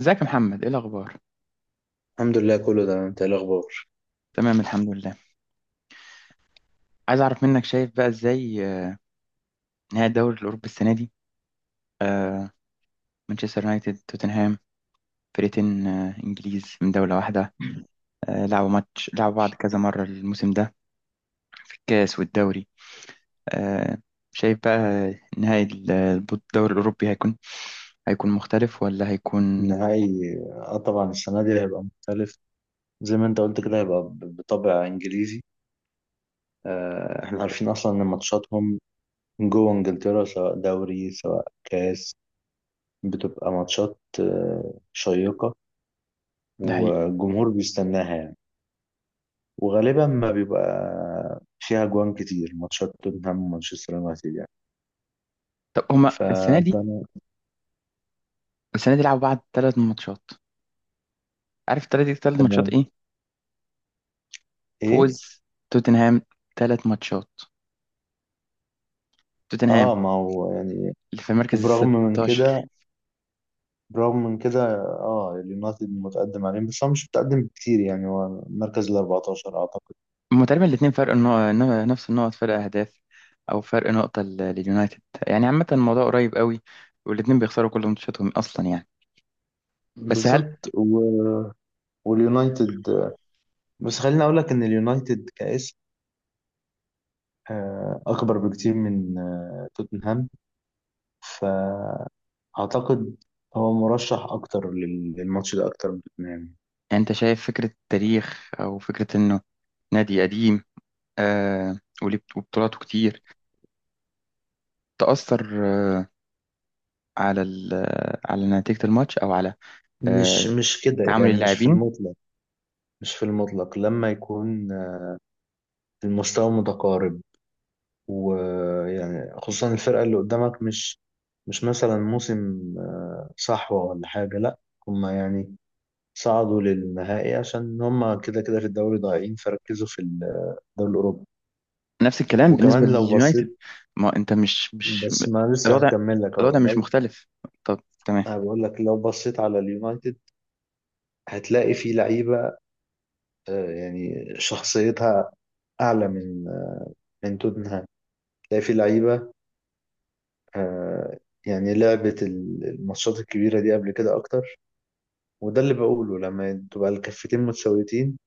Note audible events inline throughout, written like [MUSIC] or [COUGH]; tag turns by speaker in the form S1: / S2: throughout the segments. S1: ازيك يا محمد، ايه الاخبار؟
S2: الحمد لله كله تمام. انت ايه الاخبار؟
S1: تمام، الحمد لله. عايز اعرف منك، شايف بقى ازاي نهائي الدوري الاوروبي السنه دي؟ آه، مانشستر يونايتد، توتنهام، فرقتين انجليز من دوله واحده. لعبوا ماتش، لعبوا بعض كذا مره الموسم ده في الكاس والدوري. آه، شايف بقى نهائي الدوري الاوروبي هيكون مختلف ولا هيكون؟
S2: النهائي طبعا السنة دي هيبقى مختلف. زي ما انت قلت كده هيبقى بطابع انجليزي. احنا عارفين اصلا ان ماتشاتهم جوه انجلترا، سواء دوري سواء كاس، بتبقى ماتشات شيقة،
S1: ده حقيقي.
S2: والجمهور بيستناها يعني. وغالبا ما بيبقى فيها جوان كتير، ماتشات توتنهام ومانشستر يونايتد يعني.
S1: طب هما
S2: ف-
S1: السنه دي
S2: فانا
S1: السنه دي لعبوا بعض ثلاث ماتشات. عارف الثلاث ماتشات
S2: تمام.
S1: ايه؟ فوز
S2: ايه
S1: توتنهام، ثلاث ماتشات. توتنهام
S2: اه ما هو يعني.
S1: اللي في المركز ال
S2: وبرغم من كده
S1: 16.
S2: برغم من كده اه اليونايتد متقدم عليهم، بس هو مش متقدم بكتير يعني، هو المركز ال 14 اعتقد.
S1: هما تقريبا الاثنين فرق النقط، نفس النقط فرق اهداف، او فرق نقطة لليونايتد. يعني عامة الموضوع قريب قوي، والاثنين بيخسروا كل ماتشاتهم اصلا يعني. بس هل
S2: بالظبط واليونايتد، بس خليني اقول لك ان اليونايتد كاسم اكبر بكتير من توتنهام، فاعتقد هو مرشح اكتر للماتش ده اكتر من توتنهام.
S1: انت شايف فكرة تاريخ او فكرة انه نادي قديم وليه وبطولاته كتير تأثر آه على على نتيجة الماتش او على آه
S2: مش كده
S1: تعامل
S2: يعني، مش في
S1: اللاعبين؟
S2: المطلق. مش في المطلق لما يكون المستوى متقارب، ويعني خصوصا الفرقة اللي قدامك مش مثلا موسم صحوة ولا حاجة، لا. هما يعني صعدوا للنهائي عشان هما كده كده في الدوري ضايعين، فركزوا في الدوري الأوروبي.
S1: نفس الكلام بالنسبة
S2: وكمان لو
S1: لليونايتد.
S2: بصيت،
S1: ما انت مش
S2: بس ما لسه
S1: الوضع
S2: هكمل لك اهو.
S1: الوضع مش
S2: لو
S1: مختلف. طب تمام.
S2: أنا بقول لك لو بصيت على اليونايتد هتلاقي في لعيبة يعني شخصيتها أعلى من من توتنهام. هتلاقي في لعيبة آه، يعني لعبت الماتشات الكبيرة دي قبل كده أكتر. وده اللي بقوله، لما تبقى الكفتين متساويتين،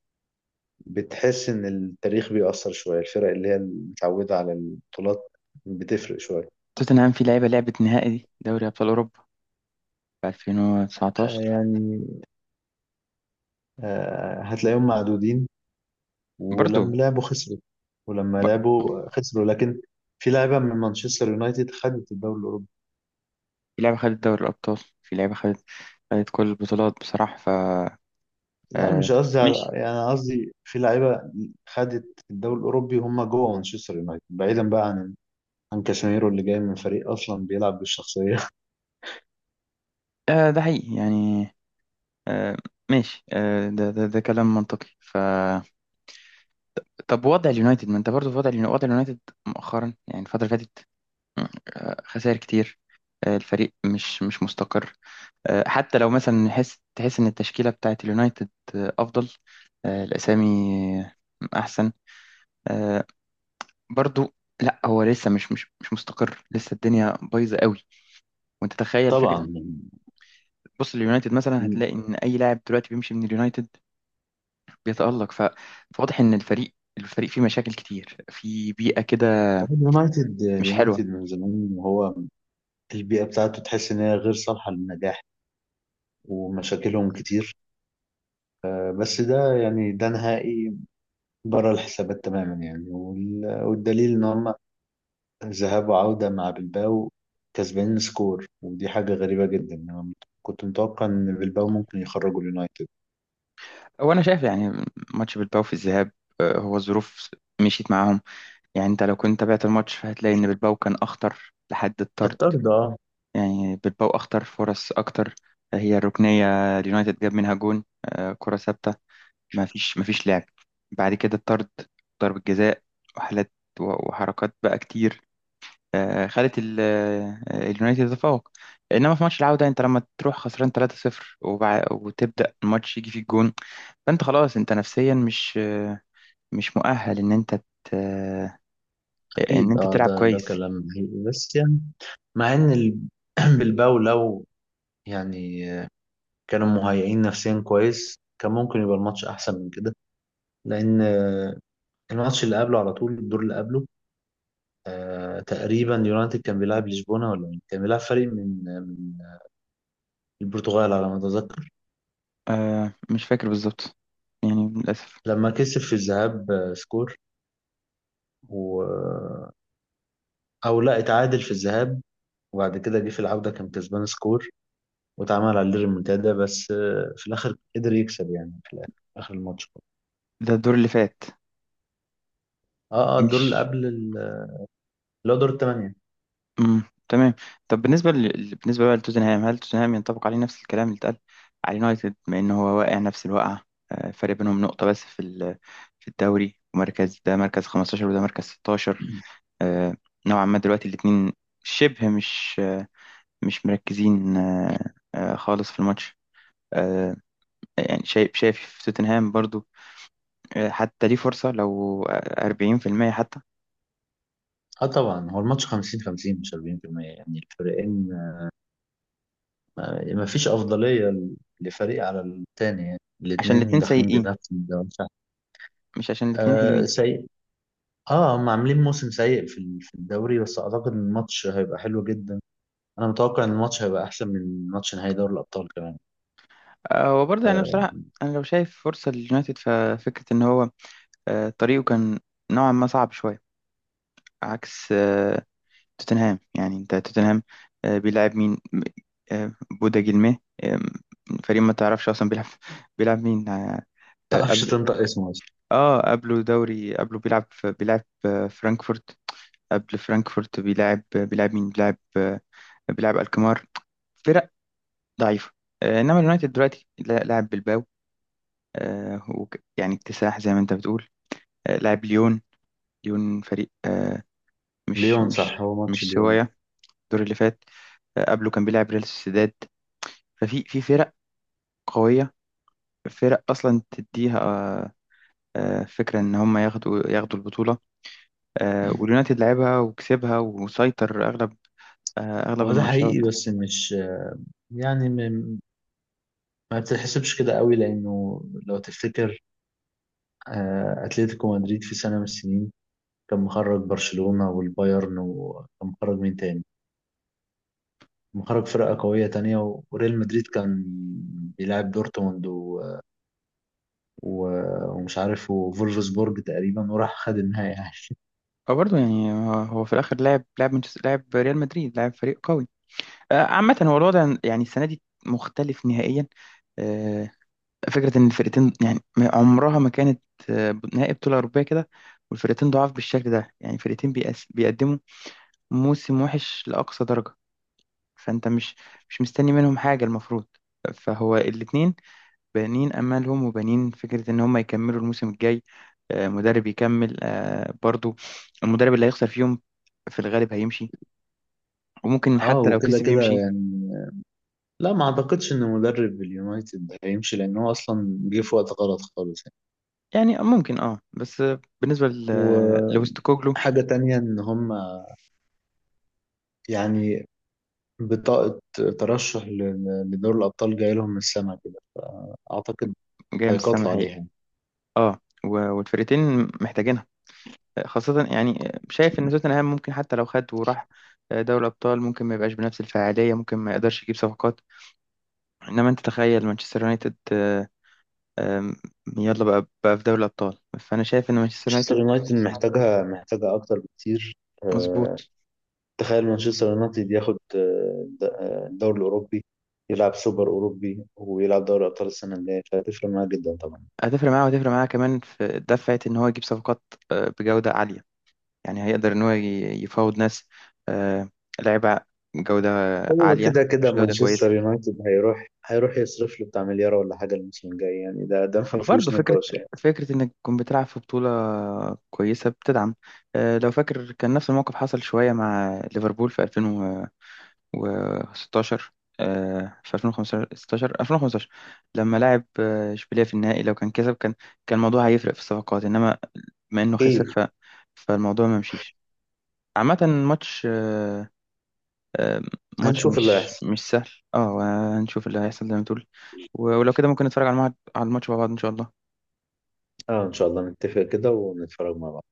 S2: بتحس ان التاريخ بيأثر شوية، الفرق اللي هي متعودة على البطولات بتفرق شوية،
S1: توتنهام في لعبة نهائي دي دوري أبطال أوروبا في 2019
S2: يعني، هتلاقيهم معدودين.
S1: برضو.
S2: ولما لعبوا خسروا. ولما
S1: ب-
S2: لعبوا خسروا لكن في لعيبة من مانشستر يونايتد خدت الدوري الأوروبي.
S1: في لعبة خدت دوري الأبطال، في لعبة خدت كل البطولات بصراحة ف...
S2: لا
S1: آه،
S2: مش قصدي، على
S1: ماشي.
S2: يعني، قصدي في لعيبة خدت الدوري الأوروبي وهم جوه مانشستر يونايتد، بعيدا بقى عن كاسيميرو اللي جاي من فريق أصلا بيلعب بالشخصية.
S1: ده حقيقي يعني. آه ماشي. ده كلام منطقي ف... طب وضع اليونايتد، ما انت برضو في وضع اليونايتد، مؤخرا يعني الفترة اللي فاتت، خسائر كتير، الفريق مش مستقر، حتى لو مثلا تحس ان التشكيله بتاعت اليونايتد افضل، الاسامي آه، احسن، آه برضو. لا، هو لسه مش مستقر، لسه الدنيا بايظه قوي. وانت
S2: [LAUGHS]
S1: تخيل فكره،
S2: طبعا.
S1: بص اليونايتد مثلا هتلاقي ان اي لاعب دلوقتي بيمشي من اليونايتد بيتالق. فواضح ان الفريق فيه مشاكل كتير في بيئه كده
S2: هو اليونايتد
S1: مش حلوه.
S2: من زمان، وهو البيئة بتاعته تحس إن هي غير صالحة للنجاح، ومشاكلهم كتير. بس ده يعني ده نهائي بره الحسابات تماما يعني، والدليل إن هم ذهاب وعودة مع بلباو كسبانين سكور، ودي حاجة غريبة جدا. أنا كنت متوقع إن بلباو ممكن يخرجوا اليونايتد.
S1: هو انا شايف يعني ماتش بالباو في الذهاب، هو الظروف مشيت معاهم. يعني انت لو كنت تابعت الماتش فهتلاقي ان بالباو كان اخطر لحد الطرد.
S2: الطرد اه.
S1: يعني بالباو اخطر، فرص اكتر، هي الركنيه اليونايتد جاب منها جون، كره ثابته. ما فيش لعب. بعد كده الطرد، ضرب الجزاء وحالات وحركات بقى كتير خلت اليونايتد يتفوق. انما في ماتش العودة انت لما تروح خسران 3-0 وتبدأ الماتش يجي فيك جون، فانت خلاص انت نفسيا مش مش مؤهل ان انت ان
S2: أكيد
S1: انت
S2: اه،
S1: تلعب
S2: ده
S1: كويس.
S2: كلام حقيقي بس يعني، مع إن [CLEARS THROAT] بلباو لو يعني كانوا مهيئين نفسيا كويس كان ممكن يبقى الماتش احسن من كده، لان الماتش اللي قبله، على طول الدور اللي قبله، تقريبا يونايتد كان بيلعب لشبونه ولا مين، كان بيلعب فريق من البرتغال على ما اتذكر.
S1: مش فاكر بالظبط، يعني للأسف.
S2: لما كسب في الذهاب سكور و... او لا، اتعادل في الذهاب، وبعد كده جه في العودة كان كسبان سكور واتعمل عليه ريمونتادا، بس في الآخر قدر يكسب يعني، في الآخر آخر الماتش.
S1: ده الدور اللي فات،
S2: اه الدور اللي
S1: مش...
S2: قبل اللي هو دور الثمانية.
S1: امم تمام. طب بالنسبه بالنسبه بقى لتوتنهام، هل توتنهام ينطبق عليه نفس الكلام اللي اتقال على اليونايتد بما ان هو واقع نفس الوقعه؟ فرق بينهم نقطه بس في في الدوري، ومركز ده مركز 15 وده مركز 16، آه، نوعا ما دلوقتي الاثنين شبه مش مش مركزين خالص في الماتش. آه، يعني شايف في توتنهام برضو حتى ليه فرصه، لو 40% حتى.
S2: اه طبعا هو الماتش 50 50 مش 40%، يعني الفريقين ما فيش افضليه لفريق على التاني يعني،
S1: عشان
S2: الاثنين
S1: الاثنين
S2: داخلين
S1: سيئين،
S2: بنفس الدوري.
S1: مش عشان الاثنين
S2: آه سيء. اه هم عاملين موسم سيء في الدوري، بس اعتقد ان الماتش هيبقى حلو جدا. انا متوقع ان الماتش هيبقى احسن من ماتش نهائي دوري الابطال كمان.
S1: هو برضه يعني.
S2: آه
S1: بصراحة أنا لو شايف فرصة لليونايتد ففكرة إن هو طريقه كان نوعا ما صعب شوية عكس توتنهام. يعني أنت توتنهام بيلعب مين؟ آه، بودا جيلمي آه، فريق ما تعرفش أصلا بيلعب [LAUGHS] بيلعب مين
S2: تعرفش
S1: قبله.
S2: تنطق اسمه اصلا.
S1: اه قبله دوري قبله بيلعب بيلعب فرانكفورت. قبل فرانكفورت بيلعب بيلعب مين؟ بيلعب بيلعب الكمار، فرق ضعيفة. إنما اليونايتد دلوقتي لاعب بالباو يعني اكتساح زي ما انت بتقول. لعب ليون، ليون فريق مش
S2: ليون
S1: مش
S2: صح، هو ماتش
S1: مش
S2: ليون.
S1: سوايا الدور اللي فات. قبله كان بيلعب ريال سوسيداد. ففي في فرق قوية، فرق أصلا تديها فكرة إن هم ياخدوا البطولة. واليونايتد لعبها وكسبها وسيطر أغلب أغلب
S2: هو ده حقيقي
S1: الماتشات.
S2: بس مش يعني ما بتتحسبش كده قوي، لانه لو تفتكر اتلتيكو مدريد في سنه من السنين كان مخرج برشلونة والبايرن، وكان مخرج مين تاني، مخرج فرقة قوية تانية، وريال مدريد كان بيلعب دورتموند و... ومش عارف، وفولفسبورج تقريبا، وراح خد النهائي يعني.
S1: أو برضه يعني هو في الآخر لعب ريال مدريد، لعب فريق قوي. عامة هو الوضع يعني السنة دي مختلف نهائيا. آه، فكرة إن الفرقتين يعني عمرها ما كانت نهائي بطولة أوروبية كده، والفرقتين ضعاف بالشكل ده، يعني فرقتين بيقدموا موسم وحش لأقصى درجة. فأنت مش مستني منهم حاجة المفروض. فهو الاتنين بانين أمالهم وبانين فكرة إن هم يكملوا الموسم الجاي، مدرب يكمل برضو. المدرب اللي هيخسر فيهم في الغالب هيمشي،
S2: [LAUGHS]
S1: وممكن
S2: اه
S1: حتى لو
S2: وكده
S1: كسب
S2: كده
S1: يمشي.
S2: يعني لا، ما اعتقدش ان مدرب اليونايتد هيمشي، لان هو اصلا جه في وقت غلط خالص يعني.
S1: يعني ممكن اه، بس بالنسبة لوستوكوغلو.
S2: وحاجة تانية ان هم يعني بطاقة ترشح لدور الأبطال جاي لهم من السما كده، فأعتقد
S1: جاي من السما.
S2: هيقاتلوا عليها يعني.
S1: اه، والفرقتين محتاجينها. خاصة يعني شايف ان توتنهام ممكن حتى لو خد وراح دوري ابطال ممكن ما يبقاش بنفس الفعالية، ممكن ما يقدرش يجيب صفقات. انما انت تخيل مانشستر يونايتد آم، يلا بقى في دوري الابطال، فانا شايف ان مانشستر
S2: مانشستر
S1: يونايتد
S2: يونايتد محتاجها، أكتر بكتير.
S1: مظبوط.
S2: آه، تخيل مانشستر يونايتد ياخد الدوري الأوروبي، يلعب سوبر أوروبي ويلعب دوري أبطال السنة اللي جاية، فهتفرق معاه جدا طبعا.
S1: هتفرق معاه، وهتفرق معاه كمان في دفعة ان هو يجيب صفقات بجودة عالية. يعني هيقدر ان هو يفاوض ناس آه، لاعيبة جودة
S2: هو
S1: عالية،
S2: كده كده
S1: مش جودة كويسة.
S2: مانشستر يونايتد هيروح يصرف له بتاع مليار ولا حاجة الموسم الجاي يعني، ده ما
S1: برضه
S2: فيهوش
S1: فكرة،
S2: نقاش يعني.
S1: فكرة إنك تكون بتلعب في بطولة كويسة بتدعم. لو فاكر كان نفس الموقف حصل شوية مع ليفربول في 2016، في 2015، لما لعب إشبيلية في النهائي، لو كان كسب كان كان الموضوع هيفرق في الصفقات، إنما بما إنه خسر
S2: أكيد.
S1: ف... فالموضوع ما مشيش. عامة ماتش آه، ماتش
S2: هنشوف اللي
S1: مش
S2: هيحصل.
S1: مش سهل. اه، هنشوف اللي هيحصل زي ما تقول، ولو كده ممكن نتفرج على على الماتش مع بعض إن شاء الله.
S2: اه ان شاء الله نتفق كده ونتفرج مع بعض.